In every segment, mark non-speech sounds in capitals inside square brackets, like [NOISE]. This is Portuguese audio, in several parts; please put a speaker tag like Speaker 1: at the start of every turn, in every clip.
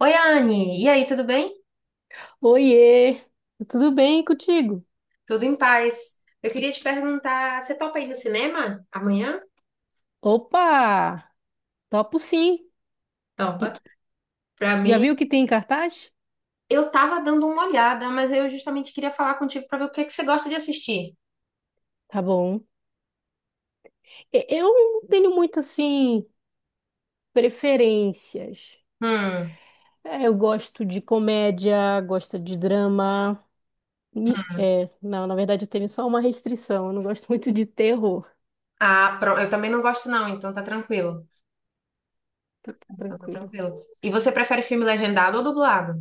Speaker 1: Oi, Anne. E aí, tudo bem?
Speaker 2: Oiê, tudo bem contigo?
Speaker 1: Tudo em paz. Eu queria te perguntar, você topa ir no cinema amanhã?
Speaker 2: Opa, topo sim. J-
Speaker 1: Topa. Pra
Speaker 2: Já
Speaker 1: mim,
Speaker 2: viu o que tem em cartaz?
Speaker 1: eu tava dando uma olhada, mas eu justamente queria falar contigo pra ver o que que você gosta de assistir.
Speaker 2: Tá bom. Eu não tenho muito assim preferências.
Speaker 1: Hum.
Speaker 2: É, eu gosto de comédia, gosto de drama. Mi- é, não, Na verdade eu tenho só uma restrição. Eu não gosto [LAUGHS] muito de terror.
Speaker 1: Ah, pronto. Eu também não gosto não, então tá tranquilo.
Speaker 2: Tá
Speaker 1: Então tá
Speaker 2: tranquilo.
Speaker 1: tranquilo. E você prefere filme legendado ou dublado?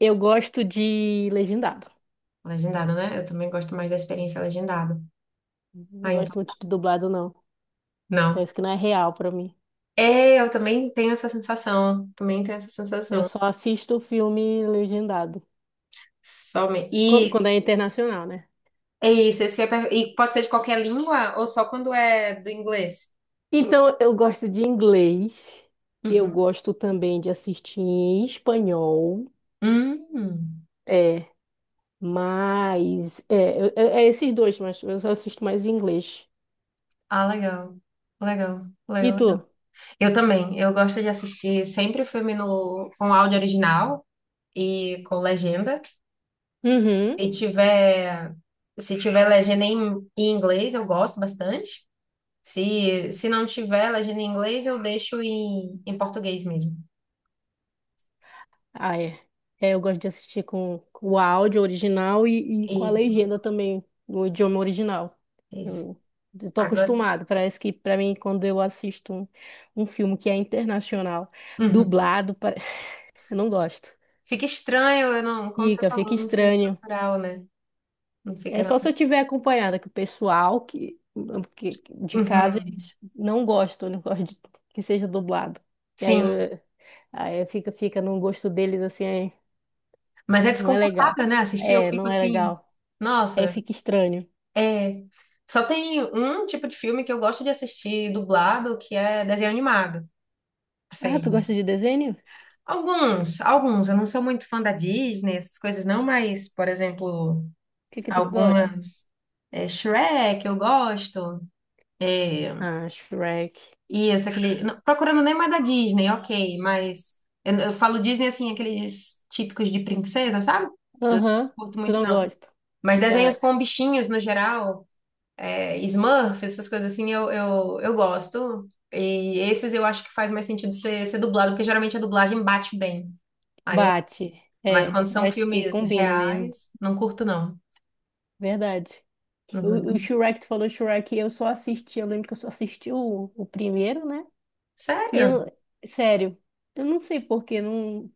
Speaker 2: Eu gosto de legendado.
Speaker 1: Legendado, né? Eu também gosto mais da experiência legendada. Ah,
Speaker 2: Não gosto
Speaker 1: então.
Speaker 2: muito de dublado, não.
Speaker 1: Não.
Speaker 2: Parece que não é real pra mim.
Speaker 1: É, eu também tenho essa sensação. Também tenho essa
Speaker 2: Eu
Speaker 1: sensação.
Speaker 2: só assisto filme legendado. Quando,
Speaker 1: Somente.
Speaker 2: quando é internacional, né?
Speaker 1: É isso, isso que eu ia per- e pode ser de qualquer língua ou só quando é do inglês?
Speaker 2: Então, eu gosto de inglês. Eu
Speaker 1: Uhum.
Speaker 2: gosto também de assistir em espanhol.
Speaker 1: Hum.
Speaker 2: É, mas... É, esses dois, mas eu só assisto mais em inglês.
Speaker 1: Ah, legal. Legal,
Speaker 2: E
Speaker 1: legal,
Speaker 2: tu?
Speaker 1: legal. Eu também. Eu gosto de assistir sempre filme no, com áudio original e com legenda.
Speaker 2: Uhum.
Speaker 1: E tiver, Se tiver legenda em inglês, eu gosto bastante. Se não tiver legenda em inglês, eu deixo em português mesmo.
Speaker 2: Ah, é. É, eu gosto de assistir com o áudio original e com a
Speaker 1: Isso,
Speaker 2: legenda também, no idioma original.
Speaker 1: isso.
Speaker 2: Eu, eu tô
Speaker 1: Agora,
Speaker 2: acostumado. Parece que, pra mim, quando eu assisto um filme que é internacional,
Speaker 1: Uhum.
Speaker 2: dublado, pare- [LAUGHS] eu não gosto.
Speaker 1: Fica estranho, eu não, como você
Speaker 2: Fica,
Speaker 1: falou,
Speaker 2: fica
Speaker 1: não sinto
Speaker 2: estranho.
Speaker 1: natural, né? Não
Speaker 2: É
Speaker 1: fica
Speaker 2: só se
Speaker 1: nada.
Speaker 2: eu tiver acompanhada, que o pessoal de casa
Speaker 1: Uhum.
Speaker 2: eles não gostam, [LAUGHS] não gostam de- que seja dublado. E aí,
Speaker 1: Sim,
Speaker 2: eu- Aí fica no gosto deles assim, aí
Speaker 1: mas é
Speaker 2: não é legal.
Speaker 1: desconfortável, né? Assistir, eu
Speaker 2: É,
Speaker 1: fico
Speaker 2: não é
Speaker 1: assim,
Speaker 2: legal. Aí
Speaker 1: nossa,
Speaker 2: fica estranho.
Speaker 1: é. Só tem um tipo de filme que eu gosto de assistir dublado, que é desenho animado.
Speaker 2: Ah, tu
Speaker 1: Assim,
Speaker 2: gosta de desenho? O
Speaker 1: alguns. Eu não sou muito fã da Disney, essas coisas não, mas, por exemplo,
Speaker 2: que que tu gosta?
Speaker 1: algumas. É, Shrek, eu gosto. É,
Speaker 2: Ah, Shrek.
Speaker 1: e esse aquele. Não, procurando nem mais da Disney, ok, mas eu falo Disney assim, aqueles típicos de princesa, sabe? Eu Não
Speaker 2: Aham,
Speaker 1: curto
Speaker 2: tu
Speaker 1: muito,
Speaker 2: não
Speaker 1: não.
Speaker 2: gosta.
Speaker 1: Mas desenhos
Speaker 2: Cara,
Speaker 1: com bichinhos no geral, é, Smurf, essas coisas assim, eu gosto. E esses eu acho que faz mais sentido ser, ser dublado, porque geralmente a dublagem bate bem. Aí eu,
Speaker 2: bate.
Speaker 1: mas
Speaker 2: É,
Speaker 1: quando
Speaker 2: eu
Speaker 1: são
Speaker 2: acho que
Speaker 1: filmes
Speaker 2: combina mesmo.
Speaker 1: reais, não curto, não.
Speaker 2: Verdade.
Speaker 1: Não
Speaker 2: O
Speaker 1: curto.
Speaker 2: Shrek, tu falou Shrek, eu só assisti, eu lembro que eu só assisti o primeiro, né? E
Speaker 1: Sério?
Speaker 2: eu, Sério, eu não sei porquê, não...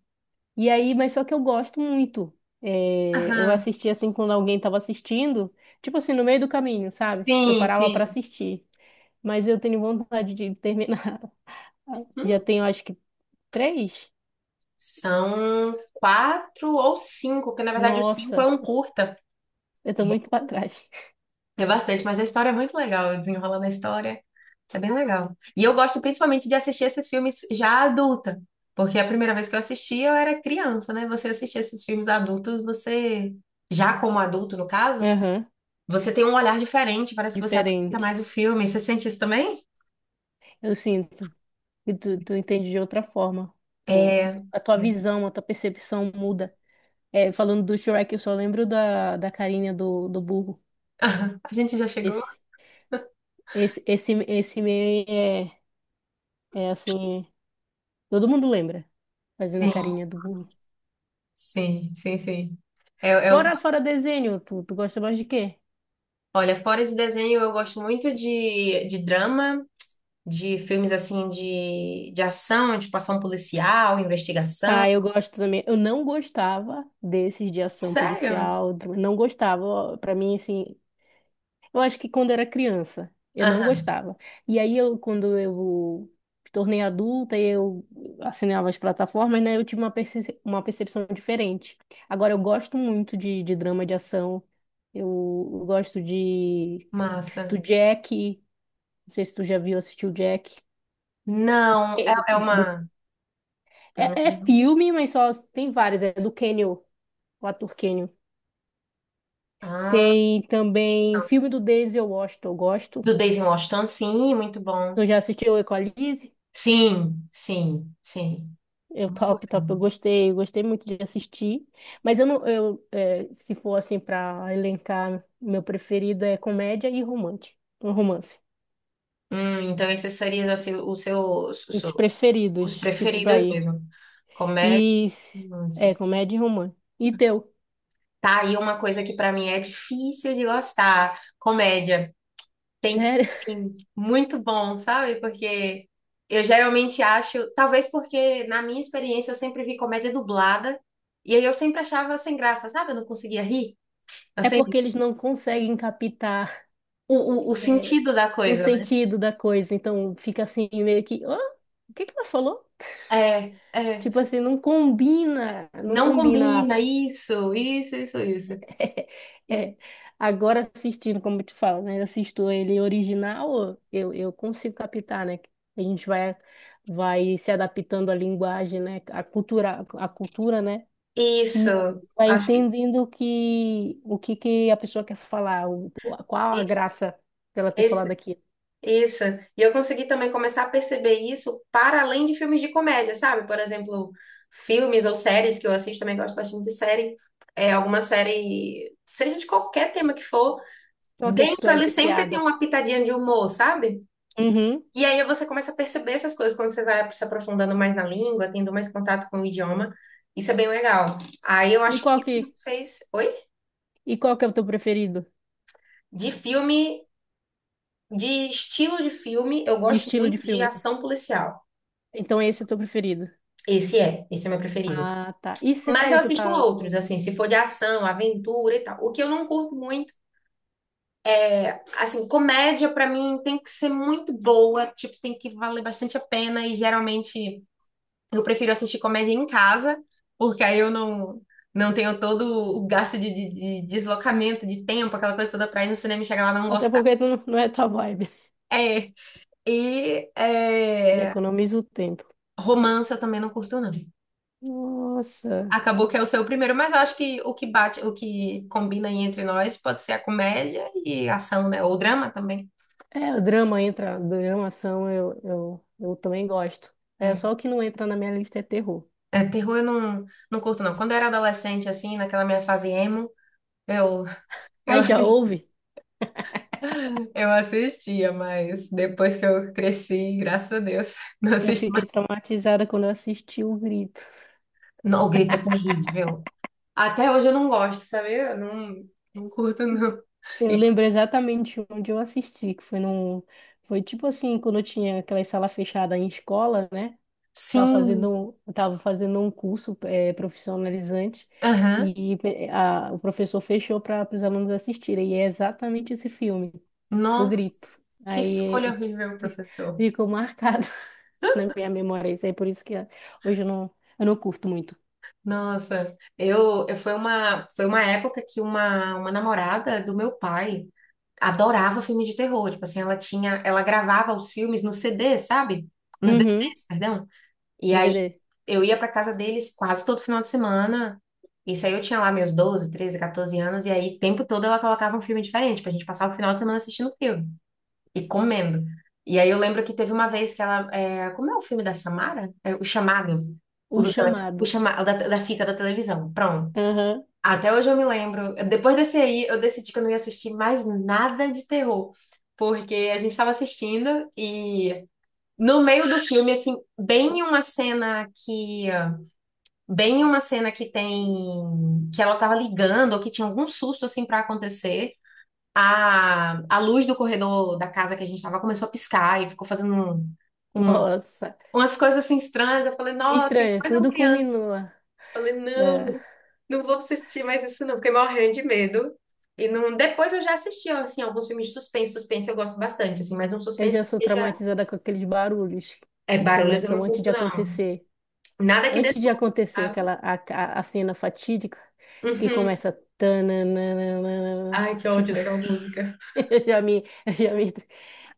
Speaker 2: E aí, mas só que eu gosto muito. É, eu
Speaker 1: Aham.
Speaker 2: assisti assim quando alguém tava assistindo, tipo assim, no meio do caminho, sabe? Eu
Speaker 1: Sim,
Speaker 2: parava pra
Speaker 1: sim.
Speaker 2: assistir. Mas eu tenho vontade de terminar. [LAUGHS] Já
Speaker 1: Uhum.
Speaker 2: tenho, acho que, três?
Speaker 1: São quatro ou cinco, porque na verdade o cinco é
Speaker 2: Nossa,
Speaker 1: um curta.
Speaker 2: eu tô muito pra trás.
Speaker 1: É bastante, mas a história é muito legal, o desenrolar da história é bem legal. E eu gosto principalmente de assistir esses filmes já adulta, porque a primeira vez que eu assisti eu era criança, né? Você assistir esses filmes adultos, você, já como adulto no
Speaker 2: [LAUGHS]
Speaker 1: caso,
Speaker 2: Aham,
Speaker 1: você tem um olhar diferente, parece que você aproveita mais
Speaker 2: diferente.
Speaker 1: o filme. Você sente isso também?
Speaker 2: Eu sinto. E tu entende de outra forma. Tu,
Speaker 1: É,
Speaker 2: a tua visão, a tua percepção muda. É, falando do Shrek, eu só lembro da carinha do burro.
Speaker 1: a gente já chegou?
Speaker 2: Esse, esse meme é, é assim, todo mundo lembra, fazendo a
Speaker 1: Sim,
Speaker 2: carinha do burro.
Speaker 1: sim, sim, sim. É, é o-
Speaker 2: Fora desenho, tu gosta mais de quê?
Speaker 1: Olha, fora de desenho eu gosto muito de drama. De filmes assim de ação, tipo ação policial, investigação.
Speaker 2: Ah, eu gosto também. Eu não gostava desses de ação
Speaker 1: Sério?
Speaker 2: policial, não gostava. Ó, pra mim, assim, eu acho que quando era criança, eu não
Speaker 1: Aham,
Speaker 2: gostava. Quando eu me tornei adulta e eu assinava as plataformas, né, eu tive uma percepção diferente. Agora eu gosto muito de drama de ação. Eu, eu gosto de do
Speaker 1: massa.
Speaker 2: Jack. Não sei se tu já viu, assistiu Jack.
Speaker 1: Não,
Speaker 2: Ele-
Speaker 1: é
Speaker 2: do-
Speaker 1: uma. Pelo menos
Speaker 2: É
Speaker 1: o nome?
Speaker 2: filme, mas só tem vários. É do Kenyo, o ator Kenyo.
Speaker 1: Ah,
Speaker 2: Tem também
Speaker 1: não.
Speaker 2: filme do Denzel Washington, eu gosto.
Speaker 1: Do Daisy Washington, sim, muito bom.
Speaker 2: Tu já assistiu Equalize?
Speaker 1: Sim, sim, sim.
Speaker 2: Eu
Speaker 1: Muito
Speaker 2: top, top,
Speaker 1: legal.
Speaker 2: eu gostei muito de assistir. Mas eu não, eu, é, Se for assim para elencar, meu preferido é comédia e romance, um romance.
Speaker 1: Então esses seriam assim,
Speaker 2: Os
Speaker 1: os
Speaker 2: preferidos, tipo, pra
Speaker 1: preferidos
Speaker 2: ir.
Speaker 1: mesmo. Comédia,
Speaker 2: E é
Speaker 1: romance.
Speaker 2: comédia e romance. E teu?
Speaker 1: Tá aí uma coisa que pra mim é difícil de gostar. Comédia. Tem que, ser,
Speaker 2: Sério? [LAUGHS]
Speaker 1: sim, muito bom, sabe? Porque eu geralmente acho, talvez porque na minha experiência eu sempre vi comédia dublada e aí eu sempre achava sem graça, sabe? Eu não conseguia rir. Eu
Speaker 2: É porque
Speaker 1: sempre,
Speaker 2: eles não conseguem captar
Speaker 1: o, o
Speaker 2: é,
Speaker 1: sentido da
Speaker 2: o
Speaker 1: coisa, né?
Speaker 2: sentido da coisa, então fica assim meio que, "Hã? O que que ela falou?
Speaker 1: É, é,
Speaker 2: Tipo assim, não combina, não
Speaker 1: não
Speaker 2: combina."
Speaker 1: combina isso, isso, isso, isso.
Speaker 2: [LAUGHS] É, agora assistindo, como eu te falo, né? Assisto ele original, eu consigo captar, né? A gente vai, Vai se adaptando à linguagem, né? À cultura, né? E
Speaker 1: Isso,
Speaker 2: vai
Speaker 1: acho que
Speaker 2: entendendo o que, que a pessoa quer falar, o, qual a
Speaker 1: isso,
Speaker 2: graça dela ter falado
Speaker 1: esse.
Speaker 2: aqui.
Speaker 1: Isso. E eu consegui também começar a perceber isso para além de filmes de comédia, sabe? Por exemplo, filmes ou séries que eu assisto, também gosto bastante de série. É alguma série, seja de qualquer tema que for,
Speaker 2: Então, o que é que tu
Speaker 1: dentro
Speaker 2: é
Speaker 1: ali sempre tem
Speaker 2: viciada?
Speaker 1: uma pitadinha de humor, sabe?
Speaker 2: Uhum.
Speaker 1: E aí você começa a perceber essas coisas quando você vai se aprofundando mais na língua, tendo mais contato com o idioma. Isso é bem legal. Aí eu
Speaker 2: E
Speaker 1: acho que
Speaker 2: qual
Speaker 1: isso
Speaker 2: que,
Speaker 1: me fez. Oi?
Speaker 2: e qual que é o teu preferido?
Speaker 1: De filme, de estilo de filme, eu gosto
Speaker 2: Estilo de
Speaker 1: muito de
Speaker 2: filme?
Speaker 1: ação policial.
Speaker 2: Então, esse é o teu preferido.
Speaker 1: Esse é meu preferido.
Speaker 2: Ah, tá. E
Speaker 1: Mas eu
Speaker 2: série, tu
Speaker 1: assisto
Speaker 2: tá.
Speaker 1: outros, assim, se for de ação, aventura e tal. O que eu não curto muito é, assim, comédia pra mim tem que ser muito boa, tipo, tem que valer bastante a pena e geralmente eu prefiro assistir comédia em casa, porque aí eu não tenho todo o gasto de deslocamento, de tempo, aquela coisa toda pra ir no cinema e chegar lá e não
Speaker 2: Até
Speaker 1: gostar.
Speaker 2: porque tu não não é tua vibe.
Speaker 1: É, e
Speaker 2: E
Speaker 1: é,
Speaker 2: economiza o tempo.
Speaker 1: romance eu também não curto, não.
Speaker 2: Nossa.
Speaker 1: Acabou que é o seu primeiro, mas eu acho que o que bate, o que combina aí entre nós pode ser a comédia e a ação, né? Ou drama também.
Speaker 2: É, o drama entra, drama, ação, eu também gosto. É,
Speaker 1: É,
Speaker 2: só o que não entra na minha lista é terror.
Speaker 1: Terror eu não, não curto, não. Quando eu era adolescente, assim, naquela minha fase emo, eu, eu,
Speaker 2: Ah, já
Speaker 1: assi-
Speaker 2: houve?
Speaker 1: [LAUGHS] eu assistia, mas depois que eu cresci, graças a Deus, [LAUGHS] não
Speaker 2: Eu
Speaker 1: assisto mais.
Speaker 2: fiquei traumatizada quando eu assisti O Grito.
Speaker 1: Não, o grito é terrível. Até hoje eu não gosto, sabe? Eu não curto, não.
Speaker 2: Eu
Speaker 1: E,
Speaker 2: lembro exatamente onde eu assisti, que foi num... Foi tipo assim, quando eu tinha aquela sala fechada em escola, né?
Speaker 1: sim,
Speaker 2: Tava fazendo um curso profissionalizante
Speaker 1: aham.
Speaker 2: e o professor fechou para os alunos assistirem. E é exatamente esse filme, O
Speaker 1: Nossa,
Speaker 2: Grito.
Speaker 1: que
Speaker 2: Aí [LAUGHS]
Speaker 1: escolha horrível, professor.
Speaker 2: ficou marcado [LAUGHS] na minha memória. Isso aí por isso que hoje eu não curto muito.
Speaker 1: Nossa, eu foi uma época que uma namorada do meu pai adorava filme de terror. Tipo assim, ela gravava os filmes no CD, sabe? Nos
Speaker 2: Uhum,
Speaker 1: DVDs, perdão. E aí
Speaker 2: DVD.
Speaker 1: eu ia pra casa deles quase todo final de semana. Isso aí eu tinha lá meus 12, 13, 14 anos, e aí o tempo todo ela colocava um filme diferente, pra gente passar o final de semana assistindo filme e comendo. E aí eu lembro que teve uma vez que ela. É, como é o filme da Samara? É, o chamado.
Speaker 2: O
Speaker 1: O
Speaker 2: Chamado.
Speaker 1: chamado da fita da televisão. Pronto.
Speaker 2: Aham,
Speaker 1: Até hoje eu me lembro. Depois desse aí, eu decidi que eu não ia assistir mais nada de terror. Porque a gente estava assistindo e no meio do filme, assim, bem em uma cena que. Bem em uma cena que tem. Que ela tava ligando, ou que tinha algum susto, assim, pra acontecer a luz do corredor da casa que a gente estava começou a piscar e ficou fazendo um-
Speaker 2: nossa.
Speaker 1: umas coisas assim estranhas. Eu falei, nossa,
Speaker 2: Estranho,
Speaker 1: mas eu
Speaker 2: tudo
Speaker 1: criança.
Speaker 2: combinua.
Speaker 1: Eu falei,
Speaker 2: É,
Speaker 1: não, não vou assistir mais isso não. Fiquei morrendo de medo. E não, depois eu já assisti, assim, alguns filmes de suspense. Suspense eu gosto bastante, assim, mas um
Speaker 2: eu
Speaker 1: suspense
Speaker 2: já sou
Speaker 1: que já
Speaker 2: traumatizada com aqueles barulhos
Speaker 1: é
Speaker 2: que
Speaker 1: barulhos eu
Speaker 2: começam
Speaker 1: não
Speaker 2: antes de
Speaker 1: curto, não.
Speaker 2: acontecer.
Speaker 1: Nada que dê
Speaker 2: Antes de
Speaker 1: susto,
Speaker 2: acontecer
Speaker 1: sabe?
Speaker 2: aquela a cena fatídica que
Speaker 1: Uhum.
Speaker 2: começa tananana,
Speaker 1: Ai, que ódio
Speaker 2: tipo,
Speaker 1: daquela música.
Speaker 2: [LAUGHS] eu já me eu já me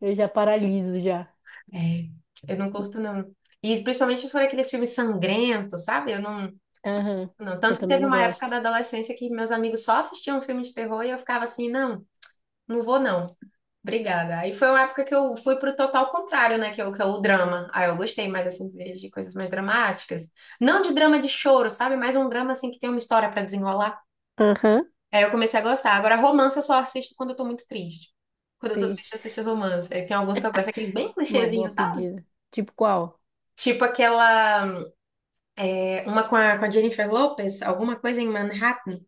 Speaker 2: eu já paraliso já.
Speaker 1: É, eu não curto, não. E principalmente se for aqueles filmes sangrentos, sabe? Eu não.
Speaker 2: Aham.
Speaker 1: Não,
Speaker 2: Eu
Speaker 1: tanto que
Speaker 2: também
Speaker 1: teve
Speaker 2: não
Speaker 1: uma época
Speaker 2: gosto.
Speaker 1: da adolescência que meus amigos só assistiam filme de terror e eu ficava assim, não, não vou não. Obrigada. Aí foi uma época que eu fui pro total contrário, né? Que é o drama. Aí eu gostei mais, assim, de coisas mais dramáticas. Não de drama de choro, sabe? Mas um drama, assim, que tem uma história pra desenrolar.
Speaker 2: Aham.
Speaker 1: Aí eu comecei a gostar. Agora, romance eu só assisto quando eu tô muito triste. Quando eu tô triste, eu
Speaker 2: Triste.
Speaker 1: assisto romance. Aí tem alguns que eu gosto, aqueles bem
Speaker 2: Uma boa
Speaker 1: clichêzinhos, sabe?
Speaker 2: pedida. Tipo qual?
Speaker 1: Tipo aquela... uma com a Jennifer Lopez, alguma coisa em Manhattan.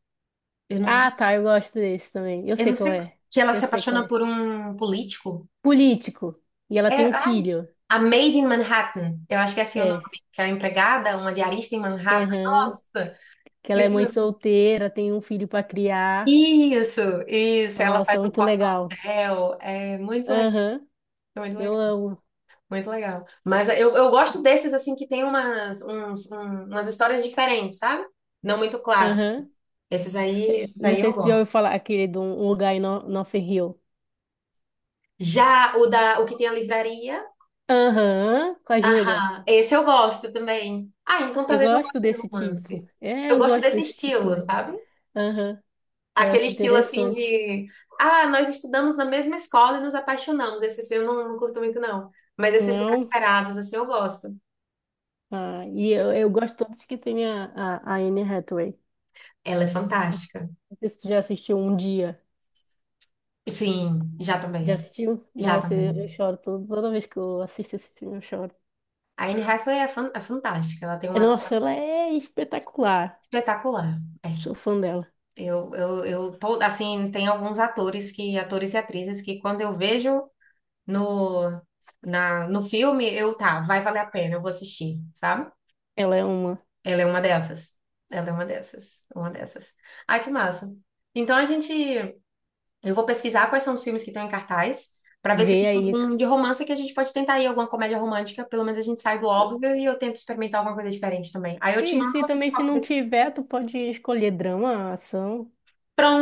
Speaker 1: Eu não sei.
Speaker 2: Ah, tá, eu gosto desse também. Eu
Speaker 1: Eu
Speaker 2: sei
Speaker 1: não
Speaker 2: qual
Speaker 1: sei.
Speaker 2: é.
Speaker 1: Que ela
Speaker 2: Eu
Speaker 1: se
Speaker 2: sei qual
Speaker 1: apaixona
Speaker 2: é.
Speaker 1: por um político.
Speaker 2: Político. E ela
Speaker 1: É,
Speaker 2: tem um
Speaker 1: ai,
Speaker 2: filho.
Speaker 1: a Maid in Manhattan. Eu acho que é assim o
Speaker 2: É.
Speaker 1: nome. Que é uma empregada, uma diarista em Manhattan.
Speaker 2: Aham.
Speaker 1: Nossa!
Speaker 2: Que ela
Speaker 1: Aquele
Speaker 2: é mãe
Speaker 1: filme é muito-
Speaker 2: solteira, tem um filho pra criar.
Speaker 1: Isso, isso. Ela
Speaker 2: Nossa,
Speaker 1: faz um
Speaker 2: muito
Speaker 1: corre no
Speaker 2: legal.
Speaker 1: hotel. É muito legal.
Speaker 2: Aham.
Speaker 1: Muito
Speaker 2: Eu
Speaker 1: legal,
Speaker 2: amo.
Speaker 1: muito legal. Mas eu gosto desses, assim, que tem umas histórias diferentes, sabe? Não muito clássicos.
Speaker 2: Aham.
Speaker 1: Esses aí, esses
Speaker 2: Não
Speaker 1: aí
Speaker 2: sei
Speaker 1: eu
Speaker 2: se tu já ouviu
Speaker 1: gosto.
Speaker 2: falar aquele de um lugar em Notting Hill.
Speaker 1: Já o que tem a livraria,
Speaker 2: Aham, com a Júlia.
Speaker 1: aham, esse eu gosto também. Ah, então
Speaker 2: Eu
Speaker 1: talvez eu
Speaker 2: gosto
Speaker 1: goste de
Speaker 2: desse tipo.
Speaker 1: romance.
Speaker 2: É,
Speaker 1: Eu
Speaker 2: eu
Speaker 1: gosto
Speaker 2: gosto
Speaker 1: desse
Speaker 2: desse tipo
Speaker 1: estilo,
Speaker 2: também.
Speaker 1: sabe?
Speaker 2: Aham, eu
Speaker 1: Aquele
Speaker 2: acho
Speaker 1: estilo assim
Speaker 2: interessante.
Speaker 1: de, nós estudamos na mesma escola e nos apaixonamos. Esse assim, eu não curto muito, não. Mas esses
Speaker 2: Não?
Speaker 1: inesperados, assim, eu gosto.
Speaker 2: Ah, e eu gosto todos que tem a Anne Hathaway.
Speaker 1: Ela é fantástica.
Speaker 2: Não sei se tu já assistiu Um Dia.
Speaker 1: Sim, já também.
Speaker 2: Já assistiu?
Speaker 1: Já
Speaker 2: Nossa,
Speaker 1: também.
Speaker 2: eu choro toda vez que eu assisto esse filme, eu choro.
Speaker 1: A Anne Hathaway é fantástica. Ela tem um
Speaker 2: É,
Speaker 1: ator
Speaker 2: nossa, ela é espetacular.
Speaker 1: espetacular. É.
Speaker 2: Sou fã dela.
Speaker 1: Eu tô, assim, tem alguns atores e atrizes que quando eu vejo no, no filme, tá, vai valer a pena, eu vou assistir, sabe?
Speaker 2: Ela é uma.
Speaker 1: Ela é uma dessas. Ela é uma dessas. Uma dessas. Ai, que massa. Então a gente. Eu vou pesquisar quais são os filmes que estão em cartaz, pra ver se
Speaker 2: Vê
Speaker 1: tem
Speaker 2: aí.
Speaker 1: algum de romance que a gente pode tentar aí, alguma comédia romântica. Pelo menos a gente sai do óbvio e eu tento experimentar alguma coisa diferente também. Aí eu te
Speaker 2: E
Speaker 1: mando
Speaker 2: se
Speaker 1: você
Speaker 2: também se não
Speaker 1: descobre.
Speaker 2: tiver, tu pode escolher drama, ação.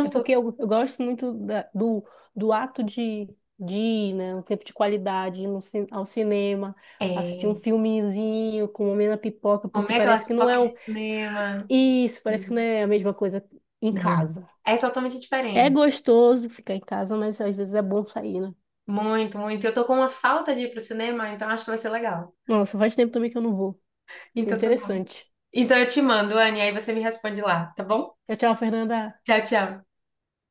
Speaker 2: É porque eu gosto muito do, do ato de ir, né? Um tempo de qualidade, ir no, ao cinema, assistir um
Speaker 1: É.
Speaker 2: filmezinho, comer na pipoca, porque
Speaker 1: Comer aquela
Speaker 2: parece que não
Speaker 1: pipoca
Speaker 2: é
Speaker 1: de
Speaker 2: um,
Speaker 1: cinema.
Speaker 2: isso, parece que não é a mesma coisa em
Speaker 1: Não.
Speaker 2: casa.
Speaker 1: É totalmente
Speaker 2: É
Speaker 1: diferente.
Speaker 2: gostoso ficar em casa, mas às vezes é bom sair, né?
Speaker 1: Muito, muito. Eu tô com uma falta de ir pro cinema, então acho que vai ser legal.
Speaker 2: Nossa, faz tempo também que eu não vou. Isso é
Speaker 1: Então tá bom.
Speaker 2: interessante.
Speaker 1: Então eu te mando, Anne, aí você me responde lá, tá bom?
Speaker 2: Tchau, tchau, Fernanda.
Speaker 1: Tchau, tchau.